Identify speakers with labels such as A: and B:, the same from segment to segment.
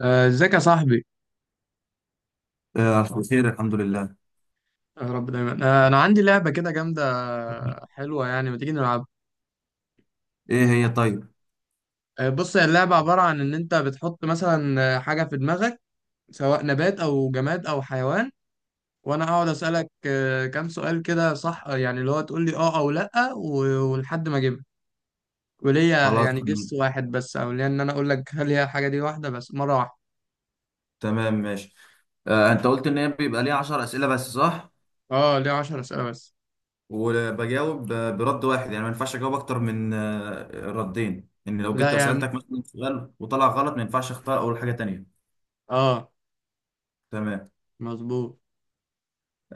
A: ازيك يا صاحبي.
B: آه، ألف خير، الحمد لله.
A: يا رب دايما. انا عندي لعبه كده جامده. حلوه، يعني ما تيجي نلعب.
B: إيه هي؟ طيب.
A: بص، هي اللعبه عباره عن ان انت بتحط مثلا حاجه في دماغك، سواء نبات او جماد او حيوان. وانا اقعد اسالك كام سؤال كده، صح؟ يعني اللي هو تقول لي اه او لا، ولحد ما اجيبها. وليا
B: خلاص،
A: يعني جس واحد بس، او ليا ان انا اقول لك هل هي الحاجه دي، واحده بس مره واحده.
B: تمام، ماشي. أنت قلت إن هي بيبقى ليها 10 أسئلة بس، صح؟
A: اه، ليا 10 اسئله بس.
B: وبجاوب برد واحد، يعني ما ينفعش أجاوب أكتر من ردين. إن لو
A: لا
B: جيت
A: يعني.
B: سألتك مثلا سؤال وطلع غلط، ما ينفعش أختار أول حاجة تانية.
A: اه،
B: تمام.
A: مظبوط.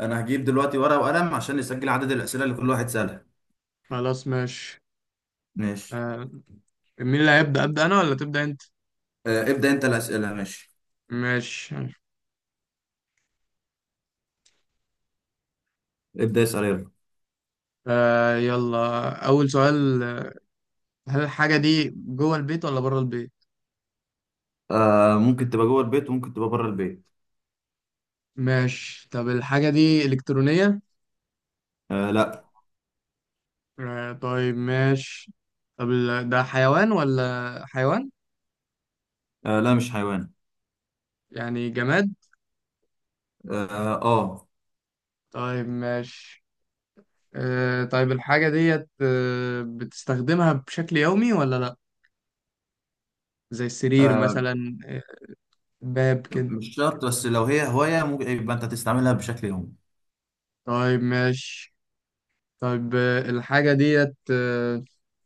B: أنا هجيب دلوقتي ورقة وقلم عشان نسجل عدد الأسئلة اللي كل واحد سألها.
A: خلاص ماشي.
B: ماشي.
A: آه، مين اللي هيبدا، ابدا انا ولا تبدا انت؟
B: ابدأ أنت الأسئلة. ماشي،
A: ماشي.
B: ابدأ اسأل يلا.
A: يلا، أول سؤال. هل الحاجة دي جوه البيت ولا بره البيت؟
B: ممكن تبقى جوه البيت وممكن تبقى بره البيت.
A: ماشي، طب الحاجة دي إلكترونية؟
B: لا.
A: آه، طيب ماشي. طب ده حيوان ولا حيوان؟
B: لا، مش حيوان.
A: يعني جماد؟
B: اه، آه.
A: طيب ماشي. آه، طيب. الحاجة ديت بتستخدمها بشكل يومي ولا لأ؟ زي السرير
B: آه.
A: مثلا. باب كده.
B: مش شرط، بس لو هي هواية ممكن يبقى انت تستعملها بشكل يومي.
A: طيب ماشي. طيب، الحاجة ديت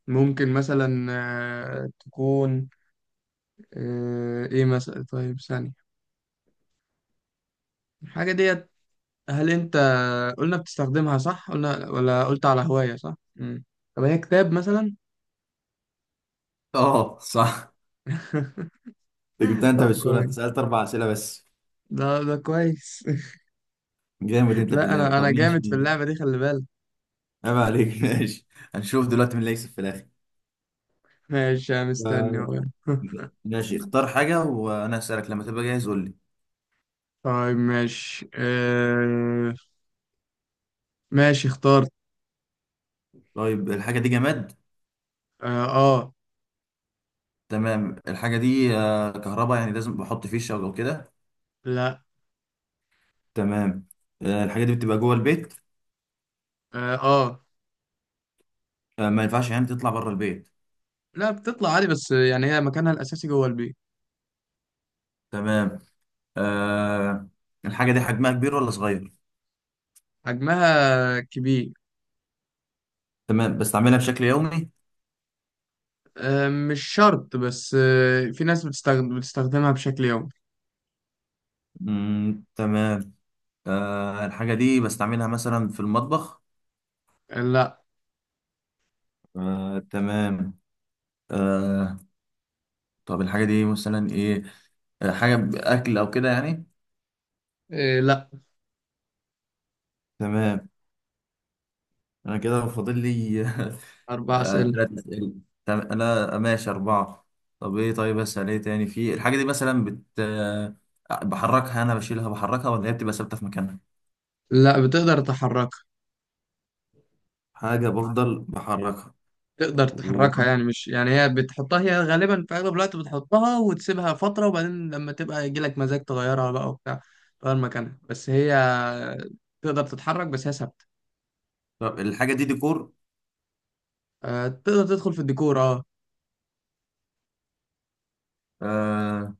A: ممكن مثلا تكون ايه مثلا. طيب، ثانية. الحاجة ديت، هل انت قلنا بتستخدمها، صح؟ قلنا ولا قلت على هواية؟ صح. طب هي كتاب مثلا؟
B: اه، صح. انت جبتها! انت
A: طب
B: بالسهولة،
A: كويس.
B: انت سألت 4 اسئلة بس.
A: ده كويس.
B: جامد انت في
A: لا،
B: اللعبة.
A: انا
B: طب
A: انا جامد في
B: ماشي.
A: اللعبة دي، خلي بالك.
B: عيب عليك. ماشي. هنشوف دلوقتي مين اللي هيكسب في الاخر.
A: ماشي، أنا مستني
B: آه،
A: اهو.
B: ماشي. اختار حاجة وانا هسألك، لما تبقى جاهز قول لي.
A: طيب ماشي. ماشي، اخترت.
B: طيب، الحاجة دي جماد؟
A: اه.
B: تمام. الحاجة دي كهرباء يعني، لازم بحط فيشة او كده؟
A: لا.
B: تمام. الحاجة دي بتبقى جوه البيت؟
A: اه. آه.
B: ما ينفعش يعني تطلع بره البيت؟
A: لا، بتطلع عادي، بس يعني هي مكانها الاساسي جوه البيت.
B: تمام. آه، الحاجة دي حجمها كبير ولا صغير؟
A: حجمها كبير.
B: تمام. بستعملها بشكل يومي؟
A: مش شرط، بس في ناس بتستخدمها بشكل يومي.
B: مم. تمام. الحاجة دي بستعملها مثلا في المطبخ؟
A: لا.
B: تمام. آه طب الحاجة دي مثلا ايه؟ حاجة بأكل أو كده يعني؟
A: لا.
B: تمام. أنا كده فاضل لي.
A: أربع أسئلة.
B: 3 أسئلة. أنا ماشي 4. طب إيه؟ طيب أسأل إيه تاني في الحاجة دي؟ مثلا بت آه، بحركها؟ أنا بشيلها بحركها ولا هي بتبقى ثابتة في مكانها؟
A: لا، بتقدر تحركها.
B: حاجة بفضل بحركها.
A: تقدر
B: و...
A: تحركها، يعني مش، يعني هي بتحطها، هي غالبا في أغلب الوقت بتحطها وتسيبها فترة، وبعدين لما تبقى يجيلك مزاج تغيرها بقى وبتاع، تغير مكانها، بس هي تقدر تتحرك، بس هي ثابتة.
B: طب الحاجة دي ديكور؟
A: تقدر تدخل في الديكور، اه.
B: آه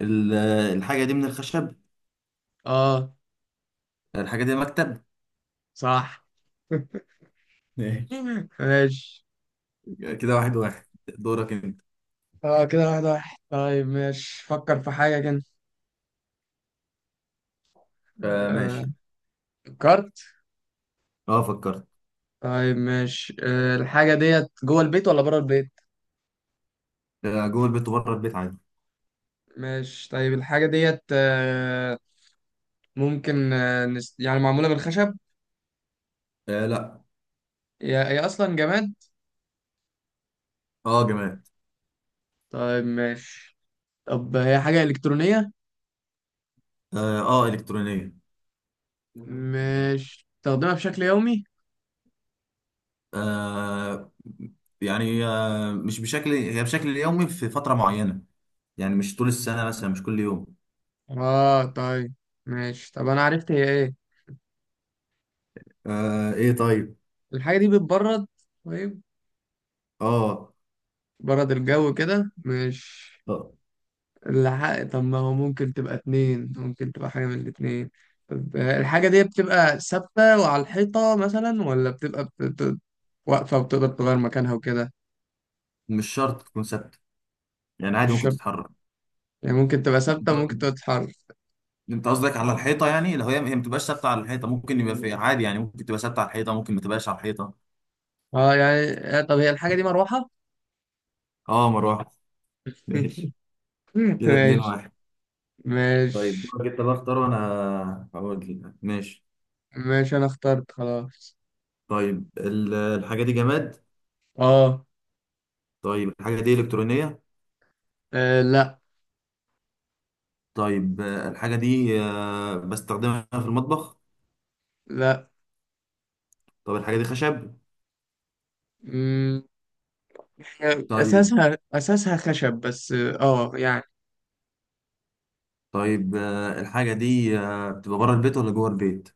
B: ال- الحاجة دي من الخشب؟
A: اه،
B: الحاجة دي مكتب؟
A: صح.
B: ماشي.
A: ماشي.
B: كده واحد واحد. دورك انت.
A: اه، كده واحد واحد. طيب ماشي، فكر في حاجة كده.
B: ماشي.
A: آه، فكرت.
B: اه، فكرت.
A: طيب ماشي. الحاجة ديت جوه البيت ولا بره البيت؟
B: جوه البيت وبره البيت عادي.
A: ماشي، طيب الحاجة ديت ممكن يعني معمولة من الخشب؟
B: لا.
A: هي هي أصلا جماد.
B: اه، جماد.
A: طيب ماشي. طب هي حاجة إلكترونية؟
B: اه، إلكترونية.
A: ماشي. تستخدمها بشكل يومي؟
B: آه. يعني مش بشكل، هي بشكل يومي في فترة معينة. يعني مش طول السنة مثلا، مش كل يوم.
A: اه، طيب ماشي. طب أنا عرفت هي إيه.
B: ايه طيب.
A: الحاجة دي بتبرد. طيب.
B: اه.
A: برد الجو كده، ماشي.
B: آه،
A: الحق. طب ما هو ممكن تبقى اتنين، ممكن تبقى حاجة من الاتنين. طب الحاجة دي بتبقى ثابتة وعلى الحيطة مثلا، ولا بتبقى واقفة وبتقدر تغير مكانها وكده؟
B: مش شرط تكون ثابتة. يعني عادي،
A: مش
B: ممكن
A: شرط.
B: تتحرك.
A: يعني ممكن تبقى ثابتة وممكن تبقى تتحرك.
B: انت قصدك على الحيطه يعني؟ لو هي ما بتبقاش ثابته على الحيطه، ممكن يبقى في عادي. يعني ممكن تبقى ثابته على الحيطه، ممكن ما تبقاش على الحيطه.
A: اه، يعني. طب هي الحاجة دي مروحة؟
B: اه، مروح. ماشي. كده اتنين
A: ماشي.
B: واحد طيب
A: ماشي.
B: دورك انت بقى، اختار وانا هقول لك. ماشي.
A: ماشي، أنا اخترت خلاص.
B: طيب، الحاجه دي جماد؟
A: اه.
B: طيب، الحاجه دي الكترونيه؟
A: لا.
B: طيب، الحاجه دي بستخدمها في المطبخ؟
A: لا.
B: طب الحاجه دي خشب؟
A: مم، هي
B: طيب.
A: أساسها خشب، بس اه يعني.
B: طيب، الحاجه دي بتبقى بره البيت ولا جوه البيت؟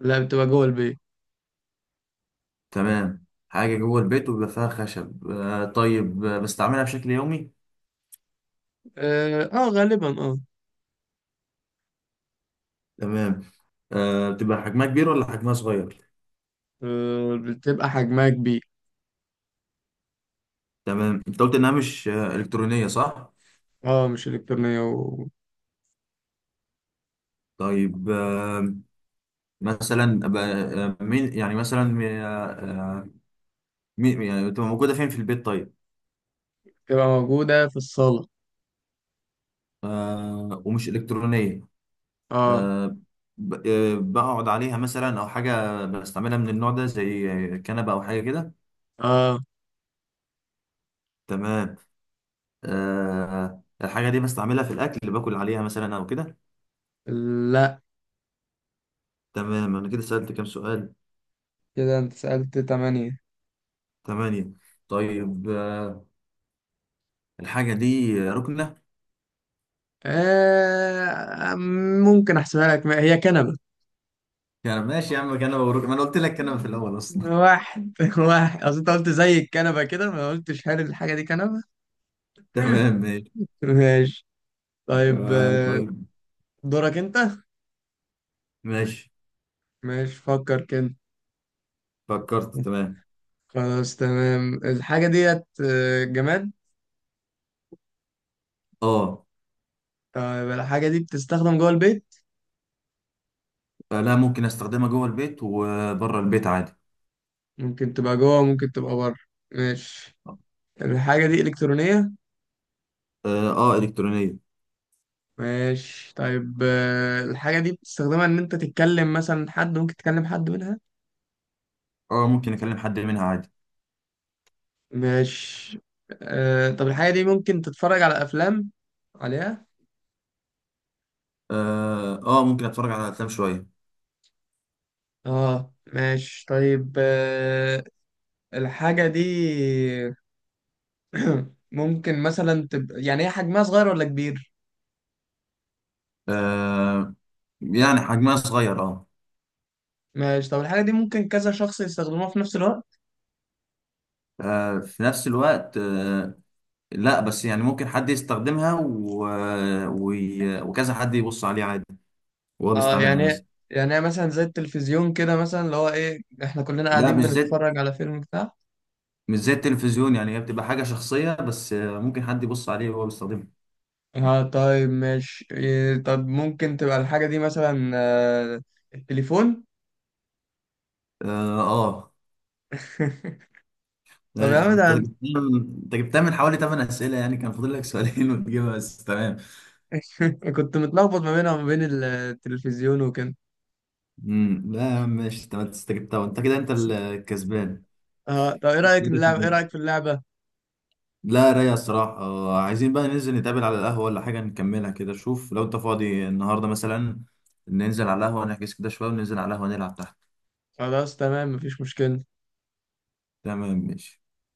A: لا، بتبقى جوه البيت.
B: تمام، حاجه جوه البيت وبيبقى فيها خشب. طيب، بستعملها بشكل يومي؟
A: اه، غالبا اه.
B: تمام. بتبقى حجمها كبير ولا حجمها صغير؟
A: بتبقى حجمها كبير.
B: تمام. انت قلت انها مش الكترونيه، صح؟
A: اه، مش إلكترونية وبتبقى
B: طيب. مثلا مين يعني مثلا مين يعني بتبقى موجوده فين في البيت؟ طيب.
A: موجودة في الصالة.
B: ومش الكترونيه؟
A: اه.
B: آه، بقعد عليها مثلا او حاجه بستعملها من النوع ده، زي كنبه او حاجه كده؟
A: اه.
B: تمام. الحاجه دي بستعملها في الاكل، اللي باكل عليها مثلا او كده؟
A: لا.
B: تمام. انا كده سالت كام سؤال؟
A: كده انت سألت تمانية.
B: 8. طيب، الحاجة دي ركنة؟
A: آه ممكن احسبها لك. هي كنبة.
B: يعني ماشي يا عم، كنبة وركنة، ما انا قلت لك كنبة في الأول أصلا.
A: واحد واحد، اصل انت قلت زي الكنبة كده، ما قلتش هل الحاجة دي كنبة.
B: تمام، ماشي.
A: ماشي. طيب،
B: طيب.
A: دورك انت.
B: ماشي.
A: ماشي، فكر كده.
B: فكرت. تمام.
A: خلاص تمام. الحاجة ديت جماد.
B: اه.
A: طيب، الحاجة دي بتستخدم جوه البيت؟
B: لا، ممكن استخدمها جوه البيت وبره البيت عادي.
A: ممكن تبقى جوه، ممكن تبقى بره. ماشي. الحاجة دي إلكترونية؟
B: اه، إلكترونية.
A: ماشي، طيب الحاجة دي بتستخدمها إن أنت تتكلم مثلا حد، ممكن تكلم حد منها؟
B: اه، ممكن اكلم حد منها عادي.
A: ماشي. طب الحاجة دي ممكن تتفرج على أفلام عليها؟
B: اه، ممكن اتفرج على افلام شوية.
A: اه، ماشي. طيب الحاجة دي ممكن مثلا تبقى، يعني هي حجمها صغير ولا كبير؟
B: آه. يعني حجمها صغير، اه.
A: ماشي. طب الحاجة دي ممكن كذا شخص يستخدموها في نفس الوقت؟
B: في نفس الوقت، آه. لا بس يعني ممكن حد يستخدمها و... وكذا حد يبص عليه عادي، وهو
A: اه،
B: بيستعملها
A: يعني
B: مثلا.
A: يعني مثلا زي التلفزيون كده مثلا اللي هو ايه، احنا كلنا
B: لا،
A: قاعدين بنتفرج على فيلم بتاع
B: مش زي التلفزيون يعني، هي بتبقى حاجة شخصية. بس ممكن حد يبص عليه وهو بيستخدمها.
A: اه، طيب ماشي. إيه، طب ممكن تبقى الحاجة دي مثلا التليفون؟
B: اه. آه.
A: طب يا
B: ماشي، يعني
A: عم
B: انت
A: ده.
B: جبتها. انت جبتها من حوالي 8 اسئله، يعني كان فاضل لك سؤالين. وتجيبها، بس تمام.
A: أنا كنت متلخبط ما بينها وما بين التلفزيون وكده.
B: لا يا عم، ماشي. انت جبتها، وانت كده انت الكسبان.
A: اه، طب ايه رأيك
B: كده
A: نلعب، ايه
B: اتنين.
A: رأيك في اللعبة؟
B: لا، رايق الصراحه. عايزين بقى ننزل نتقابل على القهوه ولا حاجه نكملها كده. شوف لو انت فاضي النهارده مثلا، ننزل على القهوه، نحجز كده شويه وننزل على القهوه نلعب تحت.
A: خلاص، تمام، مفيش مشكلة.
B: تمام، ماشي.